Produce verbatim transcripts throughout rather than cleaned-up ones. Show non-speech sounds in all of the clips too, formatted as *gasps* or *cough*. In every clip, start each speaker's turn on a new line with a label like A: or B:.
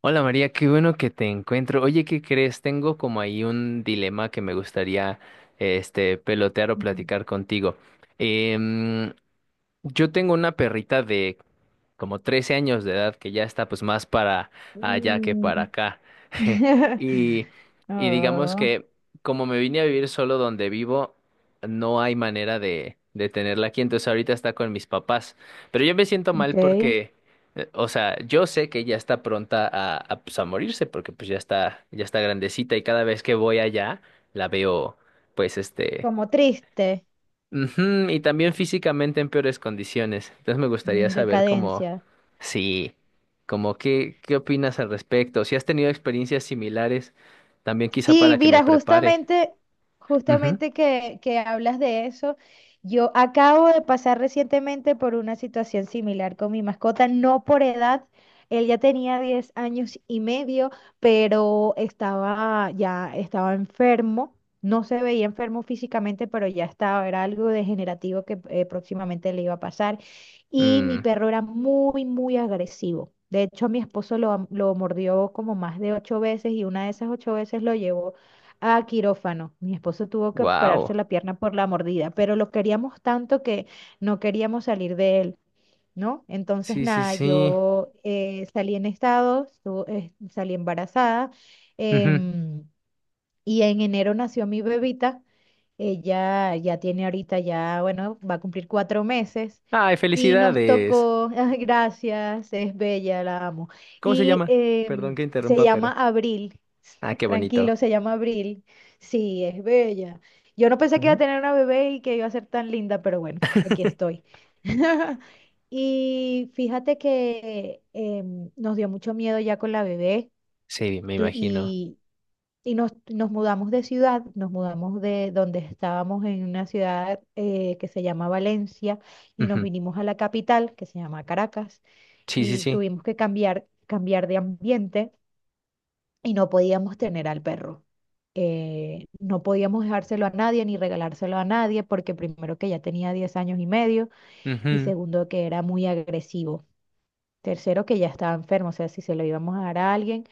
A: Hola María, qué bueno que te encuentro. Oye, ¿qué crees? Tengo como ahí un dilema que me gustaría este pelotear o
B: Mm.
A: platicar contigo. Em, yo tengo una perrita de como trece años de edad, que ya está pues más para allá que para acá. *laughs*
B: *laughs*
A: Y, y digamos
B: Oh,
A: que como me vine a vivir solo donde vivo, no hay manera de, de tenerla aquí, entonces ahorita está con mis papás. Pero yo me siento
B: ok.
A: mal porque, eh, o sea, yo sé que ya está pronta a, a, pues, a morirse porque pues ya está, ya está grandecita y cada vez que voy allá la veo, pues este...
B: Como triste.
A: Ujú, y también físicamente en peores condiciones. Entonces me gustaría
B: mm,
A: saber cómo,
B: Decadencia.
A: sí, como qué, qué opinas al respecto. Si has tenido experiencias similares, también quizá
B: Sí,
A: para que me
B: mira,
A: prepare.
B: justamente,
A: Ujú.
B: justamente que, que hablas de eso, yo acabo de pasar recientemente por una situación similar con mi mascota, no por edad, él ya tenía diez años y medio, pero estaba ya estaba enfermo, no se veía enfermo físicamente, pero ya estaba, era algo degenerativo que eh, próximamente le iba a pasar. Y mi
A: Mm,
B: perro era muy, muy agresivo. De hecho, mi esposo lo, am- lo mordió como más de ocho veces y una de esas ocho veces lo llevó a quirófano. Mi esposo tuvo que operarse
A: wow.
B: la pierna por la mordida, pero lo queríamos tanto que no queríamos salir de él, ¿no? Entonces,
A: Sí, sí,
B: nada,
A: sí.
B: yo eh, salí en estado, estu- eh, salí embarazada,
A: Ujú.
B: em, y en enero nació mi bebita. Ella ya tiene ahorita ya, bueno, va a cumplir cuatro meses
A: Ay,
B: y nos
A: felicidades.
B: tocó, *laughs* ay, gracias, es bella, la amo.
A: ¿Cómo se
B: Y
A: llama? Perdón
B: em,
A: que
B: se
A: interrumpa,
B: llama
A: pero.
B: Abril,
A: Ah,
B: *laughs*
A: qué bonito.
B: tranquilo, se llama Abril, sí, es bella. Yo no pensé que iba a
A: Ujú.
B: tener una bebé y que iba a ser tan linda, pero bueno, aquí
A: *laughs*
B: estoy. *laughs* Y fíjate que em, nos dio mucho miedo ya con la bebé,
A: Sí, me
B: tú-
A: imagino.
B: y y nos, nos mudamos de ciudad, nos mudamos de donde estábamos en una ciudad eh, que se llama Valencia y nos
A: Ujú.
B: vinimos a la capital que se llama Caracas
A: Sí, sí,
B: y
A: sí.
B: tuvimos que cambiar, cambiar de ambiente y no podíamos tener al perro. Eh, no podíamos dejárselo a nadie ni regalárselo a nadie porque primero que ya tenía diez años y medio y
A: Ujú.
B: segundo que era muy agresivo. Tercero, que ya estaba enfermo, o sea, si se lo íbamos a dar a alguien,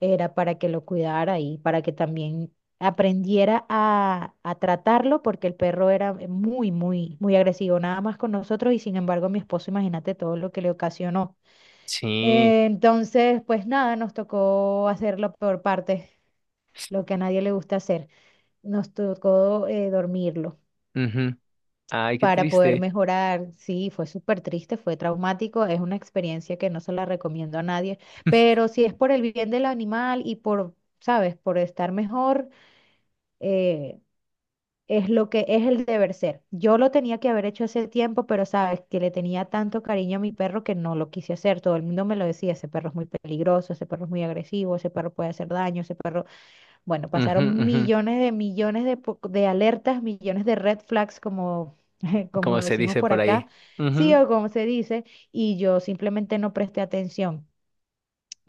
B: era para que lo cuidara y para que también aprendiera a, a tratarlo, porque el perro era muy, muy, muy agresivo, nada más con nosotros y sin embargo mi esposo, imagínate todo lo que le ocasionó.
A: Sí.
B: Eh, entonces, pues nada, nos tocó hacerlo por parte, lo que a nadie le gusta hacer, nos tocó eh, dormirlo
A: Ujú. Ay, qué
B: para poder
A: triste.
B: mejorar. Sí, fue súper triste, fue traumático, es una experiencia que no se la recomiendo a nadie,
A: *laughs*
B: pero si es por el bien del animal y por, sabes, por estar mejor, eh, es lo que es el deber ser. Yo lo tenía que haber hecho hace tiempo, pero sabes que le tenía tanto cariño a mi perro que no lo quise hacer. Todo el mundo me lo decía, ese perro es muy peligroso, ese perro es muy agresivo, ese perro puede hacer daño, ese perro. Bueno,
A: Ujú,
B: pasaron
A: ujú.
B: millones de millones de, po- de alertas, millones de red flags, como, *laughs* como
A: Como se
B: decimos
A: dice
B: por
A: por
B: acá,
A: ahí.
B: sí
A: Ujú,
B: o como se dice, y yo simplemente no presté atención.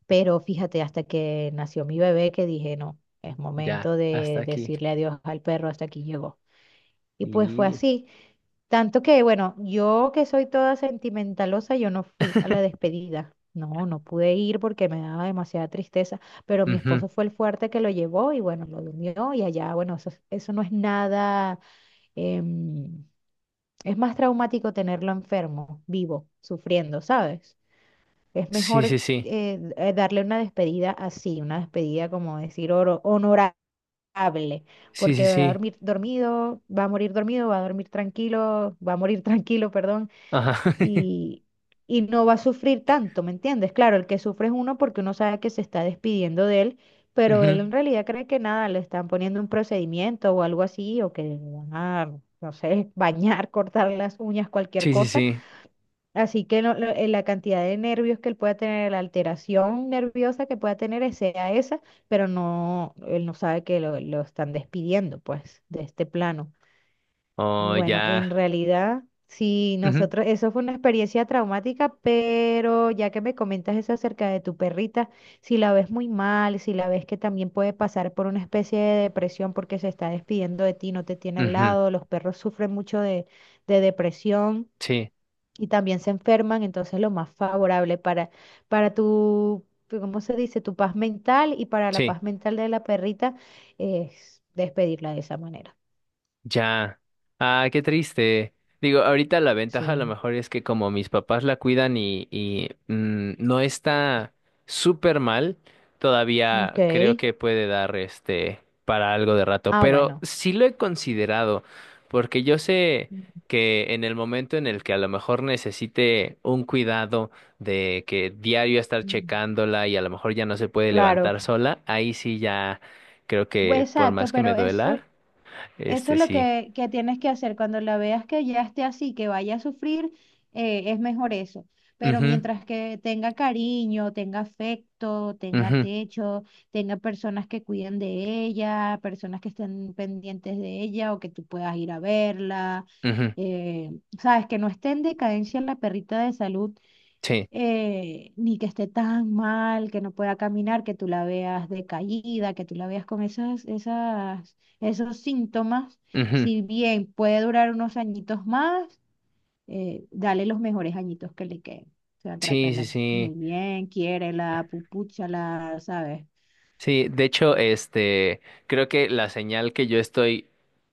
B: Pero fíjate, hasta que nació mi bebé, que dije, no, es
A: ya,
B: momento
A: hasta
B: de
A: aquí.
B: decirle adiós al perro, hasta aquí llegó. Y pues fue
A: Y...
B: así. Tanto que, bueno, yo que soy toda sentimentalosa, yo no fui a la
A: *laughs*
B: despedida. No, no pude ir porque me daba demasiada tristeza, pero mi
A: ujú,
B: esposo fue el fuerte que lo llevó y bueno, lo durmió y allá, bueno, eso, es- eso no es nada, em, es más traumático tenerlo enfermo, vivo, sufriendo, ¿sabes? Es
A: sí,
B: mejor
A: sí, sí.
B: eh, eh, darle una despedida así, una despedida como decir oro- honorable,
A: Sí,
B: porque
A: sí,
B: va a
A: sí.
B: dormir dormido, va a morir dormido, va a dormir tranquilo, va a morir *laughs* tranquilo, perdón,
A: Ajá. *laughs*
B: y, y no va a sufrir tanto, ¿me entiendes? Claro, el que sufre es uno porque uno sabe que se está despidiendo de él, pero él
A: ujú,
B: en realidad cree que nada, le están poniendo un procedimiento o algo así, o que le van a, no sé, *laughs* bañar, cortar las uñas, cualquier
A: sí, sí,
B: cosa.
A: sí.
B: Así que lo- lo- eh, la cantidad de nervios que él pueda tener, la alteración nerviosa que pueda tener eh, sea esa, pero no, él no sabe que lo, lo están despidiendo, pues, de este plano. Y
A: O
B: bueno,
A: ya.
B: en realidad, sí,
A: Ujú,
B: nosotros, eso fue una experiencia traumática, pero ya que me comentas eso acerca de tu perrita, si la ves muy mal, si la ves que también puede pasar por una especie de depresión porque se está despidiendo de ti, no te tiene al
A: ujú,
B: lado, los perros sufren mucho de, de depresión
A: sí,
B: y también se enferman, entonces lo más favorable para, para tu, ¿cómo se dice? Tu paz mental y para la
A: sí.
B: paz mental de la perrita es despedirla de esa manera.
A: Ya. Ah, qué triste. Digo, ahorita la ventaja a lo
B: Sí.
A: mejor es que como mis papás la cuidan y, y mm, no está súper mal, todavía
B: Ok.
A: creo que puede dar este para algo de rato.
B: Ah,
A: Pero
B: bueno.
A: sí lo he considerado, porque yo sé que en el momento en el que a lo mejor necesite un cuidado de que diario estar
B: Ujú.
A: checándola y a lo mejor ya no se puede
B: Claro,
A: levantar sola, ahí sí ya creo
B: pues,
A: que por
B: exacto,
A: más que me
B: pero
A: duela,
B: eso, eso
A: este
B: es lo
A: sí.
B: que, que tienes que hacer. Cuando la veas que ya esté así, que vaya a sufrir, eh, es mejor eso. Pero
A: Ujú,
B: mientras que tenga cariño, tenga afecto, tenga
A: ujú,
B: techo, tenga personas que cuiden de ella, personas que estén pendientes de ella o que tú puedas ir a verla,
A: ujú,
B: eh, sabes, que no esté en decadencia la perrita de salud,
A: sí,
B: eh, ni que esté tan mal, que no pueda caminar, que tú la veas decaída, que tú la veas con esas, esas, esos síntomas,
A: ujú,
B: si bien puede durar unos añitos más, eh, dale los mejores añitos que le queden. O sea,
A: sí, sí,
B: tratarla
A: sí.
B: muy bien, quiérela, pupúchala, ¿sabes?
A: Sí, de hecho, este, creo que la señal que yo estoy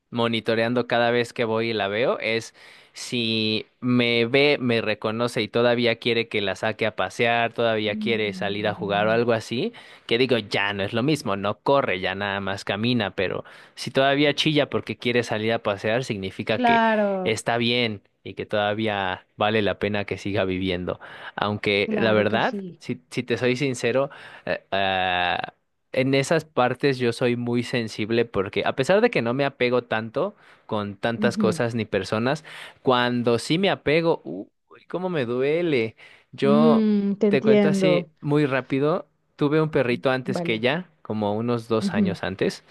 A: monitoreando cada vez que voy y la veo es si me ve, me reconoce y todavía quiere que la saque a pasear, todavía quiere salir a jugar o
B: Mm.
A: algo así, que digo, ya no es lo mismo, no corre, ya nada más camina, pero si todavía chilla porque quiere salir a pasear, significa que
B: Claro,
A: está bien y que todavía vale la pena que siga viviendo. Aunque la
B: claro que
A: verdad,
B: sí.
A: si, si te soy sincero, eh, ah, en esas partes yo soy muy sensible porque a pesar de que no me apego tanto con tantas
B: Ujú.
A: cosas ni personas, cuando sí me apego, uy, cómo me duele. Yo
B: Mm, te
A: te cuento así
B: entiendo.
A: muy rápido, tuve un perrito antes que
B: Vale.
A: ella, como unos dos
B: Ujú,
A: años antes,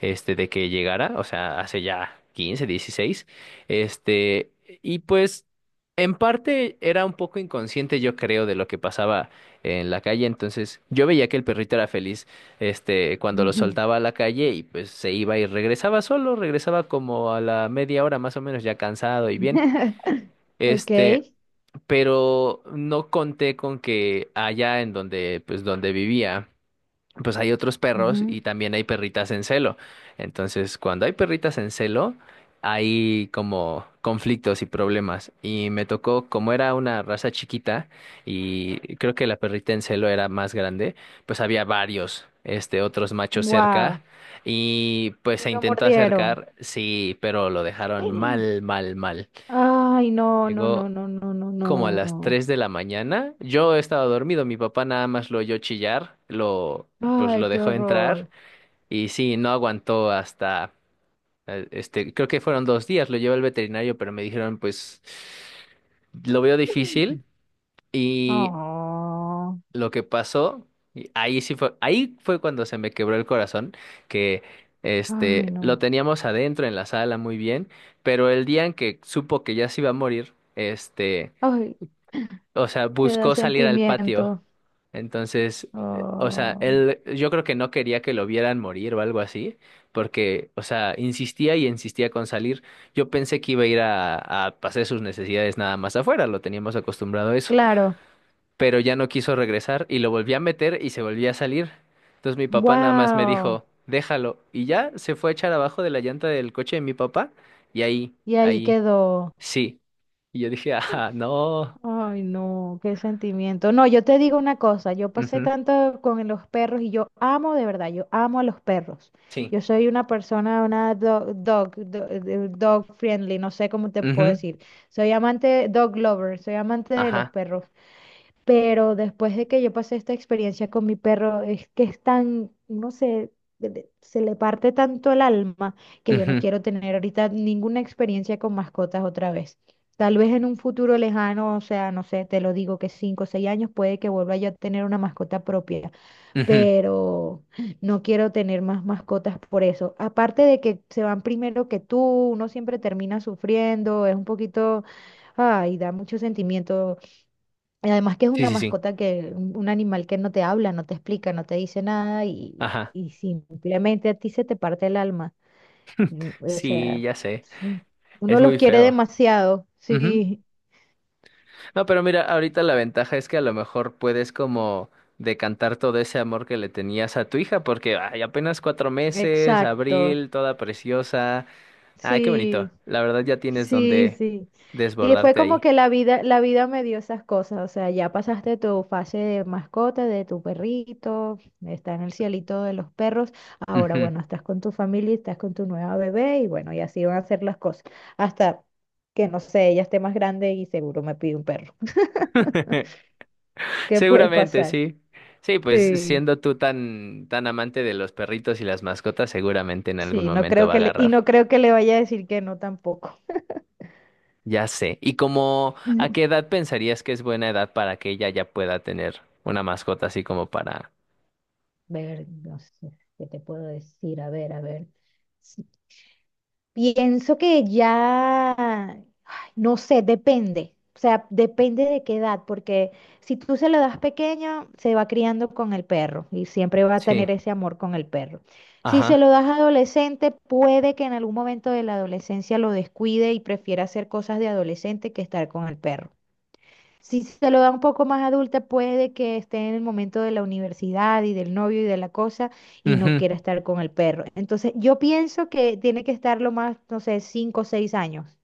A: este, de que llegara, o sea, hace ya quince, dieciséis, este, y pues en parte era un poco inconsciente, yo creo, de lo que pasaba en la calle, entonces yo veía que el perrito era feliz, este, cuando lo
B: ujú.
A: soltaba a la calle y pues se iba y regresaba solo, regresaba como a la media hora más o menos ya cansado y bien,
B: *laughs* Ok.
A: este, pero no conté con que allá en donde, pues donde vivía, pues hay otros perros
B: Ujú.
A: y también hay perritas en celo. Entonces, cuando hay perritas en celo, hay como conflictos y problemas. Y me tocó, como era una raza chiquita y creo que la perrita en celo era más grande, pues había varios, este, otros machos cerca.
B: Wow.
A: Y pues
B: Y
A: se
B: lo
A: intentó
B: mordieron.
A: acercar, sí, pero lo dejaron
B: *clears throat*
A: mal, mal, mal.
B: *gasps* Ay, no, no, no,
A: Llegó
B: no, no, no,
A: como a las
B: no.
A: tres de la mañana. Yo estaba dormido, mi papá nada más lo oyó chillar, lo, pues
B: Ay,
A: lo
B: qué
A: dejó entrar
B: horror.
A: y sí, no aguantó hasta, eh, este, creo que fueron dos días, lo llevé al veterinario, pero me dijeron, pues, lo veo
B: *laughs*
A: difícil. Y
B: Oh,
A: lo que pasó, y ahí sí fue, ahí fue cuando se me quebró el corazón, que,
B: ay,
A: este, lo
B: no.
A: teníamos adentro en la sala muy bien, pero el día en que supo que ya se iba a morir, este
B: Ay,
A: o sea,
B: me da
A: buscó salir al patio.
B: sentimiento.
A: Entonces, eh, o sea,
B: Oh,
A: él, yo creo que no quería que lo vieran morir o algo así, porque, o sea, insistía y insistía con salir. Yo pensé que iba a ir a, a hacer sus necesidades nada más afuera, lo teníamos acostumbrado a eso,
B: claro.
A: pero ya no quiso regresar y lo volví a meter y se volvía a salir. Entonces mi papá nada más me
B: Wow.
A: dijo, déjalo, y ya se fue a echar abajo de la llanta del coche de mi papá y ahí,
B: Y ahí
A: ahí,
B: quedó.
A: sí. Y yo dije, ah, no.
B: Ay, no, qué sentimiento. No, yo te digo una cosa, yo pasé
A: Ujú,
B: tanto con los perros y yo amo de verdad, yo amo a los perros.
A: sí.
B: Yo soy una persona, una dog, dog, do- eh, dog friendly, no sé cómo te puedo
A: Ujú,
B: decir. Soy amante, dog lover, soy amante de los
A: ajá.
B: perros. Pero después de que yo pasé esta experiencia con mi perro, es que es tan, no sé, de- de- se le parte tanto el alma que yo no
A: Ujú,
B: quiero tener ahorita ninguna experiencia con mascotas otra vez. Tal vez en un futuro lejano, o sea, no sé, te lo digo que cinco o seis años puede que vuelva yo a tener una mascota propia,
A: ujú.
B: pero no quiero tener más mascotas por eso. Aparte de que se van primero que tú, uno siempre termina sufriendo, es un poquito, ay, da mucho sentimiento y además que es
A: Sí,
B: una
A: sí, sí.
B: mascota que, un un animal que no te habla, no te explica, no te dice nada y,
A: Ajá.
B: y simplemente a ti se te parte el alma. Mm. O
A: Sí,
B: sea,
A: ya sé.
B: mm, uno
A: Es
B: los
A: muy
B: quiere
A: feo.
B: demasiado.
A: Ujú.
B: Sí,
A: No, pero mira, ahorita la ventaja es que a lo mejor puedes como decantar todo ese amor que le tenías a tu hija, porque ay, apenas cuatro meses,
B: exacto.
A: Abril, toda preciosa. Ay, qué bonito.
B: Sí.
A: La verdad ya tienes
B: Sí,
A: donde
B: sí. Y fue
A: desbordarte
B: como
A: ahí.
B: que la vida, la vida me dio esas cosas. O sea, ya pasaste tu fase de mascota, de tu perrito, está en el cielito de los perros. Ahora,
A: Ujú.
B: bueno, estás con tu familia, estás con tu nueva bebé y bueno, y así van a ser las cosas. Hasta que, no sé, ella esté más grande y seguro me pide un perro.
A: *laughs*
B: *laughs* ¿Qué puede
A: Seguramente,
B: pasar?
A: sí. Sí, pues
B: Sí,
A: siendo tú tan, tan amante de los perritos y las mascotas, seguramente en algún
B: sí, no
A: momento
B: creo
A: va a
B: que le, y
A: agarrar.
B: no creo que le vaya a decir que no tampoco.
A: Ya sé. ¿Y como a qué
B: *laughs*
A: edad pensarías que es buena edad para que ella ya pueda tener una mascota así como para...
B: Ver, no sé, ¿qué te puedo decir? A ver, a ver. Pienso que ya, ay, no sé, depende. O sea, depende de qué edad, porque si tú se lo das pequeño, se va criando con el perro y siempre va a
A: Sí.
B: tener ese amor con el perro. Si se
A: Ajá.
B: lo das adolescente, puede que en algún momento de la adolescencia lo descuide y prefiera hacer cosas de adolescente que estar con el perro. Si se lo da un poco más adulta, puede que esté en el momento de la universidad y del novio y de la cosa y no
A: Ujú,
B: quiera estar con el perro. Entonces, yo pienso que tiene que estar lo más, no sé, cinco o seis años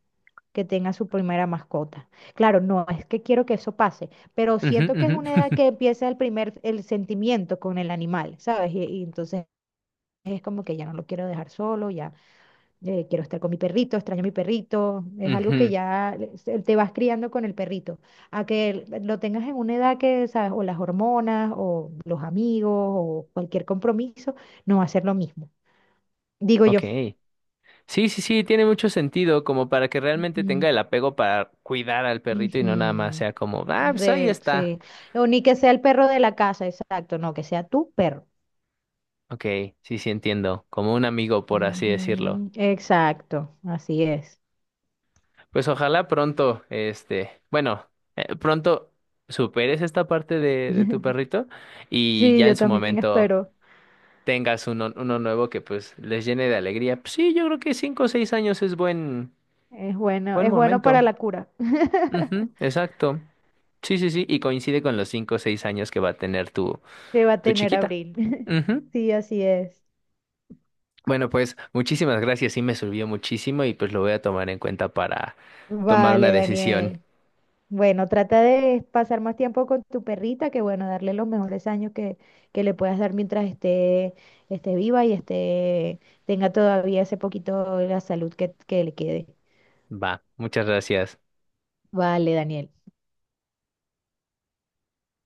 B: que tenga su primera mascota. Claro, no es que quiero que eso pase, pero
A: ujú,
B: siento que es
A: ujú,
B: una edad que empieza el primer, el sentimiento con el animal, ¿sabes? Y, y entonces es como que ya no lo quiero dejar solo, ya eh, quiero estar con mi perrito, extraño a mi perrito,
A: *laughs*
B: es algo que
A: ujú.
B: ya le- se- te vas criando con el perrito, a que l- lo tengas en una edad que, ¿sabes? O las hormonas, o los amigos, o cualquier compromiso, no va a ser lo mismo, digo yo.
A: Ok. Sí, sí, sí, tiene mucho sentido como para que realmente tenga
B: Ujú,
A: el apego para cuidar al perrito y no nada más
B: ujú.
A: sea como, ah, pues ahí
B: De,
A: está.
B: sí. O ni que sea el perro de la casa, exacto, no, que sea tu perro.
A: Ok, sí, sí entiendo, como un amigo, por así decirlo.
B: Ujú, exacto, así es.
A: Pues ojalá pronto, este, bueno, eh, pronto superes esta parte de, de tu
B: *laughs*
A: perrito y
B: Sí,
A: ya
B: yo
A: en su
B: también
A: momento
B: espero.
A: tengas uno, uno nuevo que pues les llene de alegría. Pues sí, yo creo que cinco o seis años es buen,
B: Es bueno,
A: buen
B: es bueno para
A: momento.
B: la cura.
A: Ujú,
B: *laughs*
A: exacto. Sí, sí, sí, y coincide con los cinco o seis años que va a tener tu,
B: que va a
A: tu
B: tener
A: chiquita.
B: Abril. *laughs*
A: Ujú.
B: Sí, así es.
A: Bueno, pues muchísimas gracias, sí me sirvió muchísimo y pues lo voy a tomar en cuenta para tomar una
B: Vale,
A: decisión.
B: Daniel. Bueno, trata de pasar más tiempo con tu perrita, que bueno, darle los mejores años que, que le puedas dar mientras esté, esté viva y esté, tenga todavía ese poquito la salud que, que le quede.
A: Va, muchas gracias.
B: Vale, Daniel.